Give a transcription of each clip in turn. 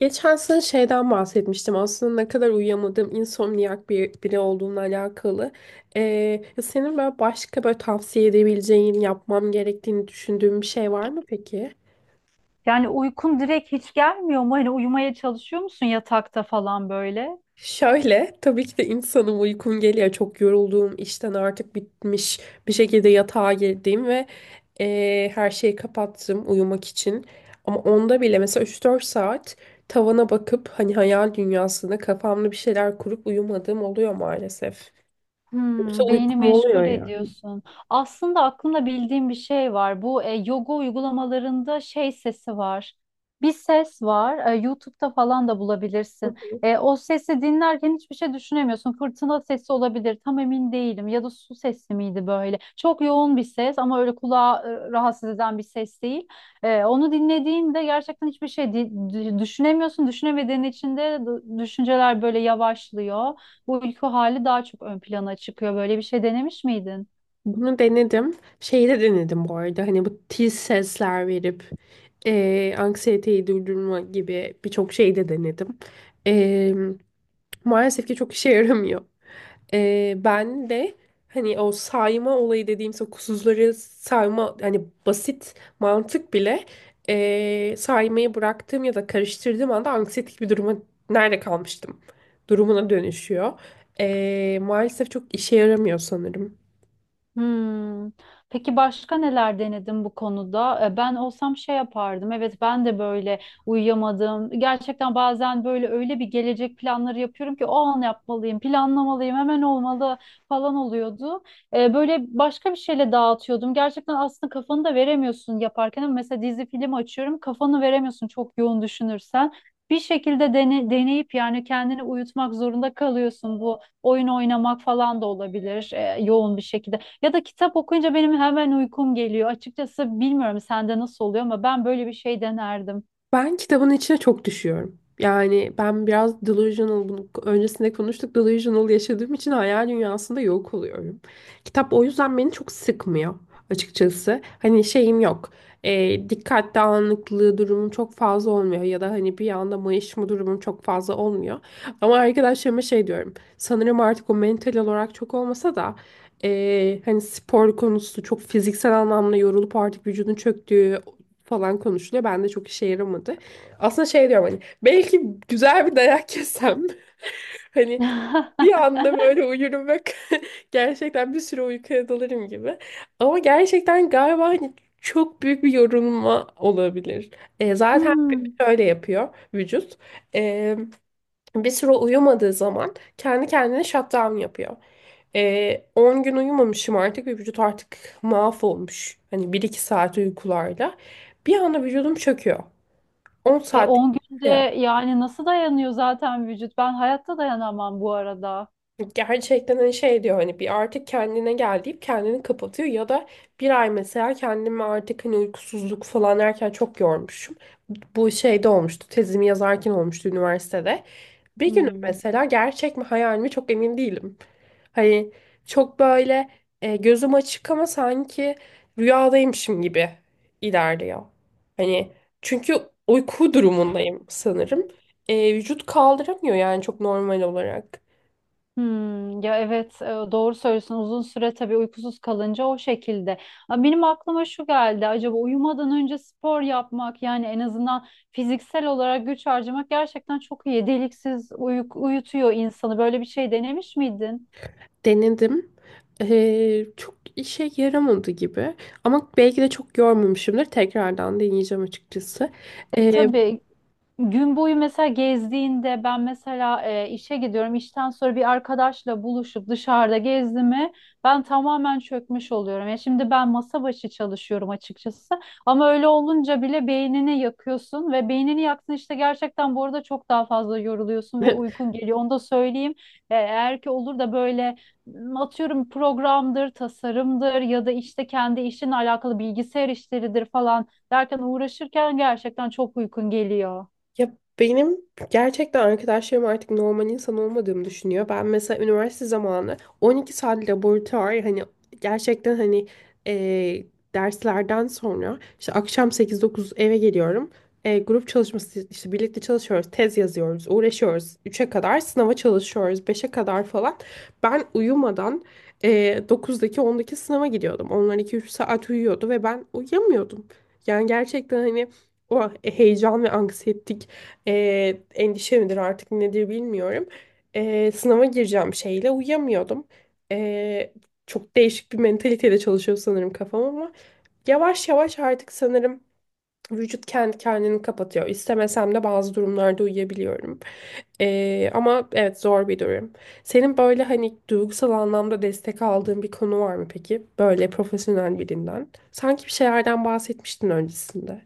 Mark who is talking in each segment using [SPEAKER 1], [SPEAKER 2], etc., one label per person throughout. [SPEAKER 1] Geçen sene şeyden bahsetmiştim aslında ne kadar uyuyamadığım insomniyak bir biri olduğumla alakalı. Ee, ya senin böyle başka böyle tavsiye edebileceğin, yapmam gerektiğini düşündüğün bir şey var mı peki?
[SPEAKER 2] Yani uykun direkt hiç gelmiyor mu? Hani uyumaya çalışıyor musun yatakta falan böyle?
[SPEAKER 1] Şöyle, tabii ki de insanın uykum geliyor. Çok yorulduğum, işten artık bitmiş bir şekilde yatağa girdiğim ve her şeyi kapattım uyumak için. Ama onda bile mesela 3 4 saat tavana bakıp hani hayal dünyasında kafamda bir şeyler kurup uyumadığım oluyor maalesef. Yoksa
[SPEAKER 2] Beyni
[SPEAKER 1] uykum oluyor
[SPEAKER 2] meşgul
[SPEAKER 1] ya.
[SPEAKER 2] ediyorsun. Aslında aklımda bildiğim bir şey var. Bu yoga uygulamalarında şey sesi var. Bir ses var. YouTube'da falan da bulabilirsin. O sesi dinlerken hiçbir şey düşünemiyorsun. Fırtına sesi olabilir. Tam emin değilim. Ya da su sesi miydi böyle? Çok yoğun bir ses ama öyle kulağı rahatsız eden bir ses değil. Onu dinlediğinde gerçekten hiçbir şey düşünemiyorsun. Düşünemediğin için de düşünceler böyle yavaşlıyor, bu uyku hali daha çok ön plana çıkıyor. Böyle bir şey denemiş miydin?
[SPEAKER 1] Bunu denedim. Şeyi de denedim bu arada. Hani bu tiz sesler verip anksiyeteyi durdurma gibi birçok şey de denedim. Eee, maalesef ki çok işe yaramıyor. Ben de hani o sayma olayı dediğimiz o kusurları sayma hani basit mantık bile saymayı bıraktığım ya da karıştırdığım anda anksiyetik bir duruma nerede kalmıştım durumuna dönüşüyor. Maalesef çok işe yaramıyor sanırım.
[SPEAKER 2] Hmm. Peki başka neler denedin bu konuda? Ben olsam şey yapardım. Evet, ben de böyle uyuyamadım. Gerçekten bazen böyle öyle bir gelecek planları yapıyorum ki o an yapmalıyım, planlamalıyım, hemen olmalı falan oluyordu. Böyle başka bir şeyle dağıtıyordum. Gerçekten aslında kafanı da veremiyorsun yaparken. Ama mesela dizi film açıyorum, kafanı veremiyorsun çok yoğun düşünürsen. Bir şekilde deneyip yani kendini uyutmak zorunda kalıyorsun. Bu oyun oynamak falan da olabilir yoğun bir şekilde. Ya da kitap okuyunca benim hemen uykum geliyor. Açıkçası bilmiyorum sende nasıl oluyor ama ben böyle bir şey denerdim.
[SPEAKER 1] Ben kitabın içine çok düşüyorum. Yani ben biraz delusional, bunu öncesinde konuştuk, delusional yaşadığım için hayal dünyasında yok oluyorum. Kitap o yüzden beni çok sıkmıyor açıkçası. Hani şeyim yok. Dikkat dağınıklığı durumum çok fazla olmuyor ya da hani bir anda mayışma durumum çok fazla olmuyor. Ama arkadaşlarıma şey diyorum. Sanırım artık o mental olarak çok olmasa da hani spor konusu çok fiziksel anlamda yorulup artık vücudun çöktüğü, falan konuşuluyor. Ben de çok işe yaramadı. Aslında şey diyorum hani belki güzel bir dayak yesem hani bir anda böyle uyurum ve gerçekten bir süre uykuya dalarım gibi. Ama gerçekten galiba hani çok büyük bir yorulma olabilir. Zaten
[SPEAKER 2] Hmm.
[SPEAKER 1] şöyle yapıyor vücut bir süre uyumadığı zaman kendi kendine shutdown yapıyor. 10 gün uyumamışım artık ve vücut artık mahvolmuş. Hani bir iki saat uykularla. Bir anda vücudum çöküyor. 10 saat.
[SPEAKER 2] 10 günde yani nasıl dayanıyor zaten vücut? Ben hayatta dayanamam bu arada.
[SPEAKER 1] Gerçekten hani şey diyor hani bir artık kendine gel deyip kendini kapatıyor ya da bir ay mesela kendimi artık hani uykusuzluk falan erken çok yormuşum. Bu şeyde olmuştu tezimi yazarken olmuştu üniversitede. Bir gün
[SPEAKER 2] Hmm.
[SPEAKER 1] mesela gerçek mi hayal mi çok emin değilim. Hani çok böyle gözüm açık ama sanki rüyadaymışım gibi ilerliyor. Hani çünkü uyku durumundayım sanırım. Vücut kaldıramıyor yani çok normal olarak.
[SPEAKER 2] Hmm. Ya, evet, doğru söylüyorsun. Uzun süre tabii uykusuz kalınca o şekilde. Ha, benim aklıma şu geldi. Acaba uyumadan önce spor yapmak yani en azından fiziksel olarak güç harcamak gerçekten çok iyi. Deliksiz uyutuyor insanı. Böyle bir şey denemiş miydin?
[SPEAKER 1] Denedim. Çok işe yaramadı gibi. Ama belki de çok yormamışımdır. Tekrardan deneyeceğim açıkçası.
[SPEAKER 2] E,
[SPEAKER 1] Ee,
[SPEAKER 2] tabii Gün boyu mesela gezdiğinde ben mesela işe gidiyorum. İşten sonra bir arkadaşla buluşup dışarıda gezdiğimi ben tamamen çökmüş oluyorum. Ya şimdi ben masa başı çalışıyorum açıkçası. Ama öyle olunca bile beynini yakıyorsun ve beynini yaksın işte gerçekten bu arada çok daha fazla yoruluyorsun ve uykun geliyor. Onu da söyleyeyim. Eğer ki olur da böyle atıyorum programdır, tasarımdır ya da işte kendi işinle alakalı bilgisayar işleridir falan derken uğraşırken gerçekten çok uykun geliyor.
[SPEAKER 1] Ya benim gerçekten arkadaşlarım artık normal insan olmadığımı düşünüyor. Ben mesela üniversite zamanı 12 saat laboratuvar hani gerçekten hani eee, derslerden sonra işte akşam 8 9 eve geliyorum. Grup çalışması işte birlikte çalışıyoruz, tez yazıyoruz, uğraşıyoruz. 3'e kadar sınava çalışıyoruz, 5'e kadar falan. Ben uyumadan 9'daki 10'daki sınava gidiyordum. Onlar 2 3 saat uyuyordu ve ben uyuyamıyordum. Yani gerçekten hani o heyecan ve anksiyetik endişe midir artık nedir bilmiyorum. Sınava gireceğim şeyle uyuyamıyordum. Ee, çok değişik bir mentaliteyle çalışıyor sanırım kafam ama yavaş yavaş artık sanırım vücut kendi kendini kapatıyor. İstemesem de bazı durumlarda uyuyabiliyorum. Ama evet zor bir durum. Senin böyle hani duygusal anlamda destek aldığın bir konu var mı peki? Böyle profesyonel birinden. Sanki bir şeylerden bahsetmiştin öncesinde.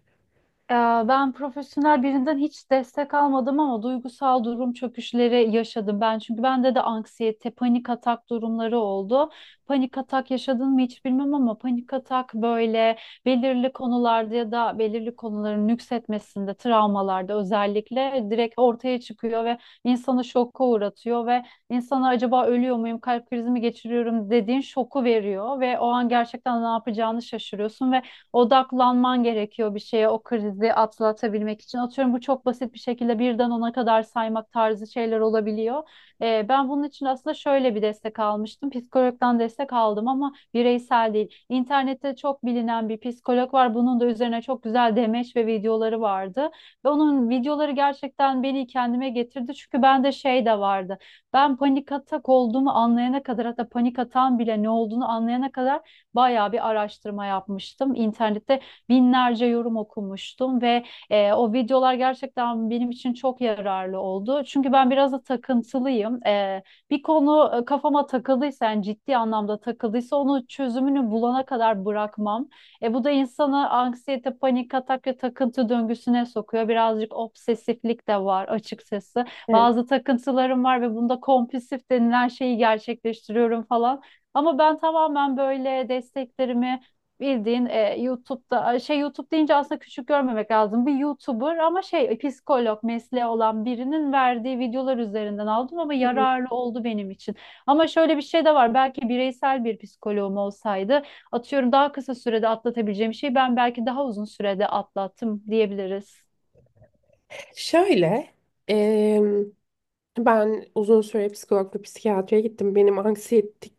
[SPEAKER 2] Ee, Ben profesyonel birinden hiç destek almadım ama duygusal durum çöküşleri yaşadım ben. Çünkü bende de anksiyete, panik atak durumları oldu. Panik atak yaşadın mı hiç bilmem ama panik atak böyle belirli konularda ya da belirli konuların nüksetmesinde, travmalarda özellikle direkt ortaya çıkıyor ve insanı şoka uğratıyor ve insana acaba ölüyor muyum, kalp krizi mi geçiriyorum dediğin şoku veriyor ve o an gerçekten ne yapacağını şaşırıyorsun ve odaklanman gerekiyor bir şeye o krizi atlatabilmek için. Atıyorum bu çok basit bir şekilde birden ona kadar saymak tarzı şeyler olabiliyor. Ben bunun için aslında şöyle bir destek almıştım. Psikologdan destek aldım ama bireysel değil. İnternette çok bilinen bir psikolog var. Bunun da üzerine çok güzel demeç ve videoları vardı. Ve onun videoları gerçekten beni kendime getirdi. Çünkü bende şey de vardı. Ben panik atak olduğumu anlayana kadar hatta panik atağın bile ne olduğunu anlayana kadar bayağı bir araştırma yapmıştım. İnternette binlerce yorum okumuştum ve o videolar gerçekten benim için çok yararlı oldu. Çünkü ben biraz da takıntılıyım. Bir konu kafama takıldıysa, yani ciddi anlamda takıldıysa onu çözümünü bulana kadar bırakmam. Bu da insanı anksiyete, panik atak ve takıntı döngüsüne sokuyor. Birazcık obsesiflik de var açıkçası.
[SPEAKER 1] Evet.
[SPEAKER 2] Bazı takıntılarım var ve bunda kompulsif denilen şeyi gerçekleştiriyorum falan. Ama ben tamamen böyle desteklerimi bildiğin YouTube'da şey YouTube deyince aslında küçük görmemek lazım. Bir YouTuber ama şey psikolog mesleği olan birinin verdiği videolar üzerinden aldım ama
[SPEAKER 1] Hı hı.
[SPEAKER 2] yararlı oldu benim için. Ama şöyle bir şey de var. Belki bireysel bir psikoloğum olsaydı atıyorum daha kısa sürede atlatabileceğim şeyi ben belki daha uzun sürede atlattım diyebiliriz.
[SPEAKER 1] Şöyle, ben uzun süre psikolog psikiyatriye gittim. Benim anksiyetik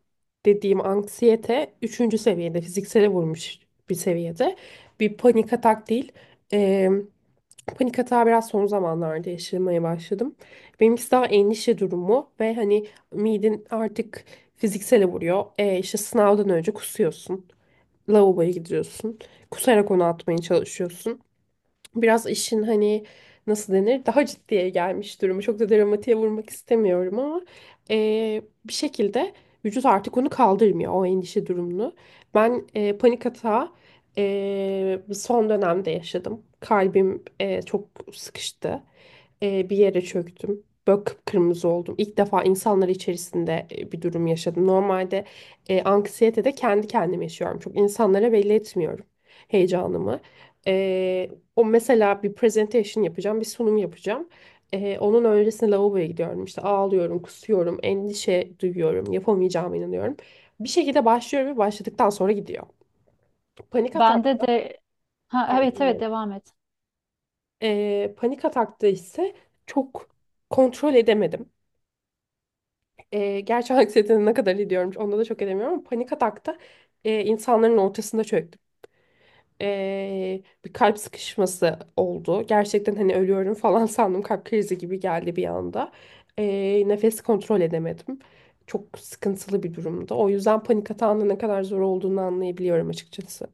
[SPEAKER 1] dediğim anksiyete üçüncü seviyede fiziksele vurmuş bir seviyede. Bir panik atak değil. Eee, panik atağı biraz son zamanlarda yaşamaya başladım. Benimkisi daha endişe durumu ve hani miden artık fiziksele vuruyor. İşte sınavdan önce kusuyorsun. Lavaboya gidiyorsun. Kusarak onu atmaya çalışıyorsun biraz işin hani nasıl denir daha ciddiye gelmiş durumu. Çok da dramatiğe vurmak istemiyorum ama eee, bir şekilde vücut artık onu kaldırmıyor o endişe durumunu. Ben panik atağı son dönemde yaşadım. Kalbim çok sıkıştı. Bir yere çöktüm. Böyle kıpkırmızı oldum. İlk defa insanlar içerisinde bir durum yaşadım. Normalde anksiyete de kendi kendime yaşıyorum. Çok insanlara belli etmiyorum heyecanımı. O mesela bir presentation yapacağım, bir sunum yapacağım. Onun öncesinde lavaboya gidiyorum. İşte ağlıyorum, kusuyorum, endişe duyuyorum, yapamayacağıma inanıyorum. Bir şekilde başlıyorum ve başladıktan sonra gidiyor. Panik atak,
[SPEAKER 2] Bende de, ha, evet,
[SPEAKER 1] pardon.
[SPEAKER 2] evet,
[SPEAKER 1] Evet.
[SPEAKER 2] devam et.
[SPEAKER 1] Panik atakta ise çok kontrol edemedim. Gerçi anksiyetenin ne kadar ediyorum, onda da çok edemiyorum ama panik atakta insanların ortasında çöktüm. Bir kalp sıkışması oldu. Gerçekten hani ölüyorum falan sandım. Kalp krizi gibi geldi bir anda. Nefes kontrol edemedim. Çok sıkıntılı bir durumdu. O yüzden panik atağında ne kadar zor olduğunu anlayabiliyorum açıkçası.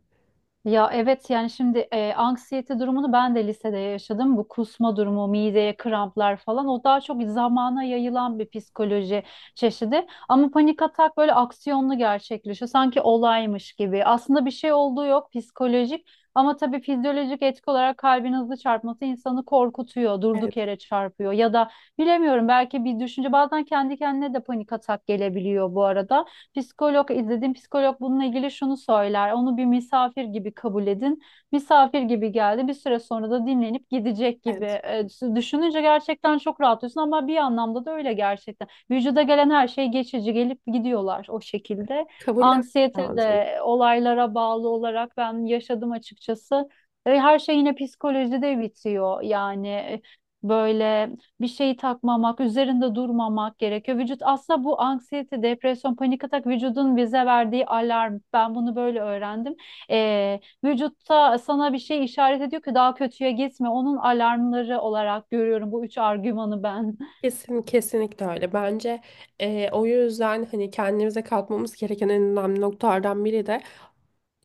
[SPEAKER 2] Ya evet yani şimdi anksiyete durumunu ben de lisede yaşadım. Bu kusma durumu, mideye kramplar falan o daha çok zamana yayılan bir psikoloji çeşidi. Ama panik atak böyle aksiyonlu gerçekleşiyor. Sanki olaymış gibi. Aslında bir şey olduğu yok psikolojik ama tabii fizyolojik etki olarak kalbin hızlı çarpması insanı korkutuyor,
[SPEAKER 1] Evet,
[SPEAKER 2] durduk yere çarpıyor ya da bilemiyorum belki bir düşünce bazen kendi kendine de panik atak gelebiliyor bu arada. Psikolog izledim psikolog bununla ilgili şunu söyler. Onu bir misafir gibi kabul edin. Misafir gibi geldi. Bir süre sonra da dinlenip gidecek gibi.
[SPEAKER 1] evet.
[SPEAKER 2] Düşününce gerçekten çok rahatlıyorsun ama bir anlamda da öyle gerçekten. Vücuda gelen her şey geçici gelip gidiyorlar o şekilde.
[SPEAKER 1] Kabullenmek
[SPEAKER 2] Anksiyete
[SPEAKER 1] lazım.
[SPEAKER 2] de olaylara bağlı olarak ben yaşadım açıkçası. Her şey yine psikolojide bitiyor. Yani böyle bir şeyi takmamak, üzerinde durmamak gerekiyor. Vücut aslında bu anksiyete, depresyon, panik atak vücudun bize verdiği alarm. Ben bunu böyle öğrendim. Vücutta sana bir şey işaret ediyor ki daha kötüye gitme. Onun alarmları olarak görüyorum bu üç argümanı ben.
[SPEAKER 1] Kesin, kesinlikle öyle. Bence o yüzden hani kendimize katmamız gereken en önemli noktalardan biri de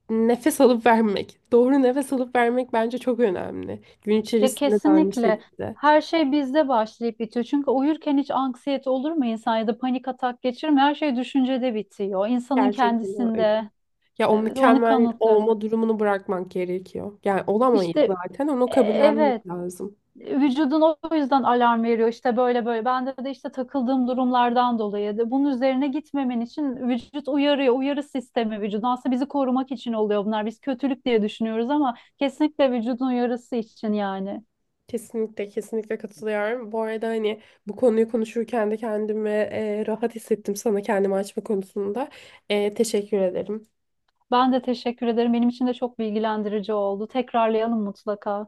[SPEAKER 1] nefes alıp vermek. Doğru nefes alıp vermek bence çok önemli. Gün
[SPEAKER 2] Ya
[SPEAKER 1] içerisinde de aynı
[SPEAKER 2] kesinlikle.
[SPEAKER 1] şekilde.
[SPEAKER 2] Her şey bizde başlayıp bitiyor. Çünkü uyurken hiç anksiyete olur mu insan ya da panik atak geçirir mi? Her şey düşüncede bitiyor. İnsanın
[SPEAKER 1] Gerçekten öyle.
[SPEAKER 2] kendisinde.
[SPEAKER 1] Ya o
[SPEAKER 2] Evet, onu
[SPEAKER 1] mükemmel
[SPEAKER 2] kanıtlıyor.
[SPEAKER 1] olma durumunu bırakmak gerekiyor. Yani
[SPEAKER 2] İşte,
[SPEAKER 1] olamayız zaten. Onu
[SPEAKER 2] evet.
[SPEAKER 1] kabullenmek lazım.
[SPEAKER 2] Vücudun o yüzden alarm veriyor işte böyle böyle. Bende de işte takıldığım durumlardan dolayı da bunun üzerine gitmemen için vücut uyarıyor. Uyarı sistemi vücudun. Aslında bizi korumak için oluyor bunlar. Biz kötülük diye düşünüyoruz ama kesinlikle vücudun uyarısı için yani.
[SPEAKER 1] Kesinlikle, kesinlikle katılıyorum. Bu arada hani bu konuyu konuşurken de kendimi rahat hissettim sana kendimi açma konusunda. Teşekkür ederim.
[SPEAKER 2] Ben de teşekkür ederim. Benim için de çok bilgilendirici oldu. Tekrarlayalım mutlaka.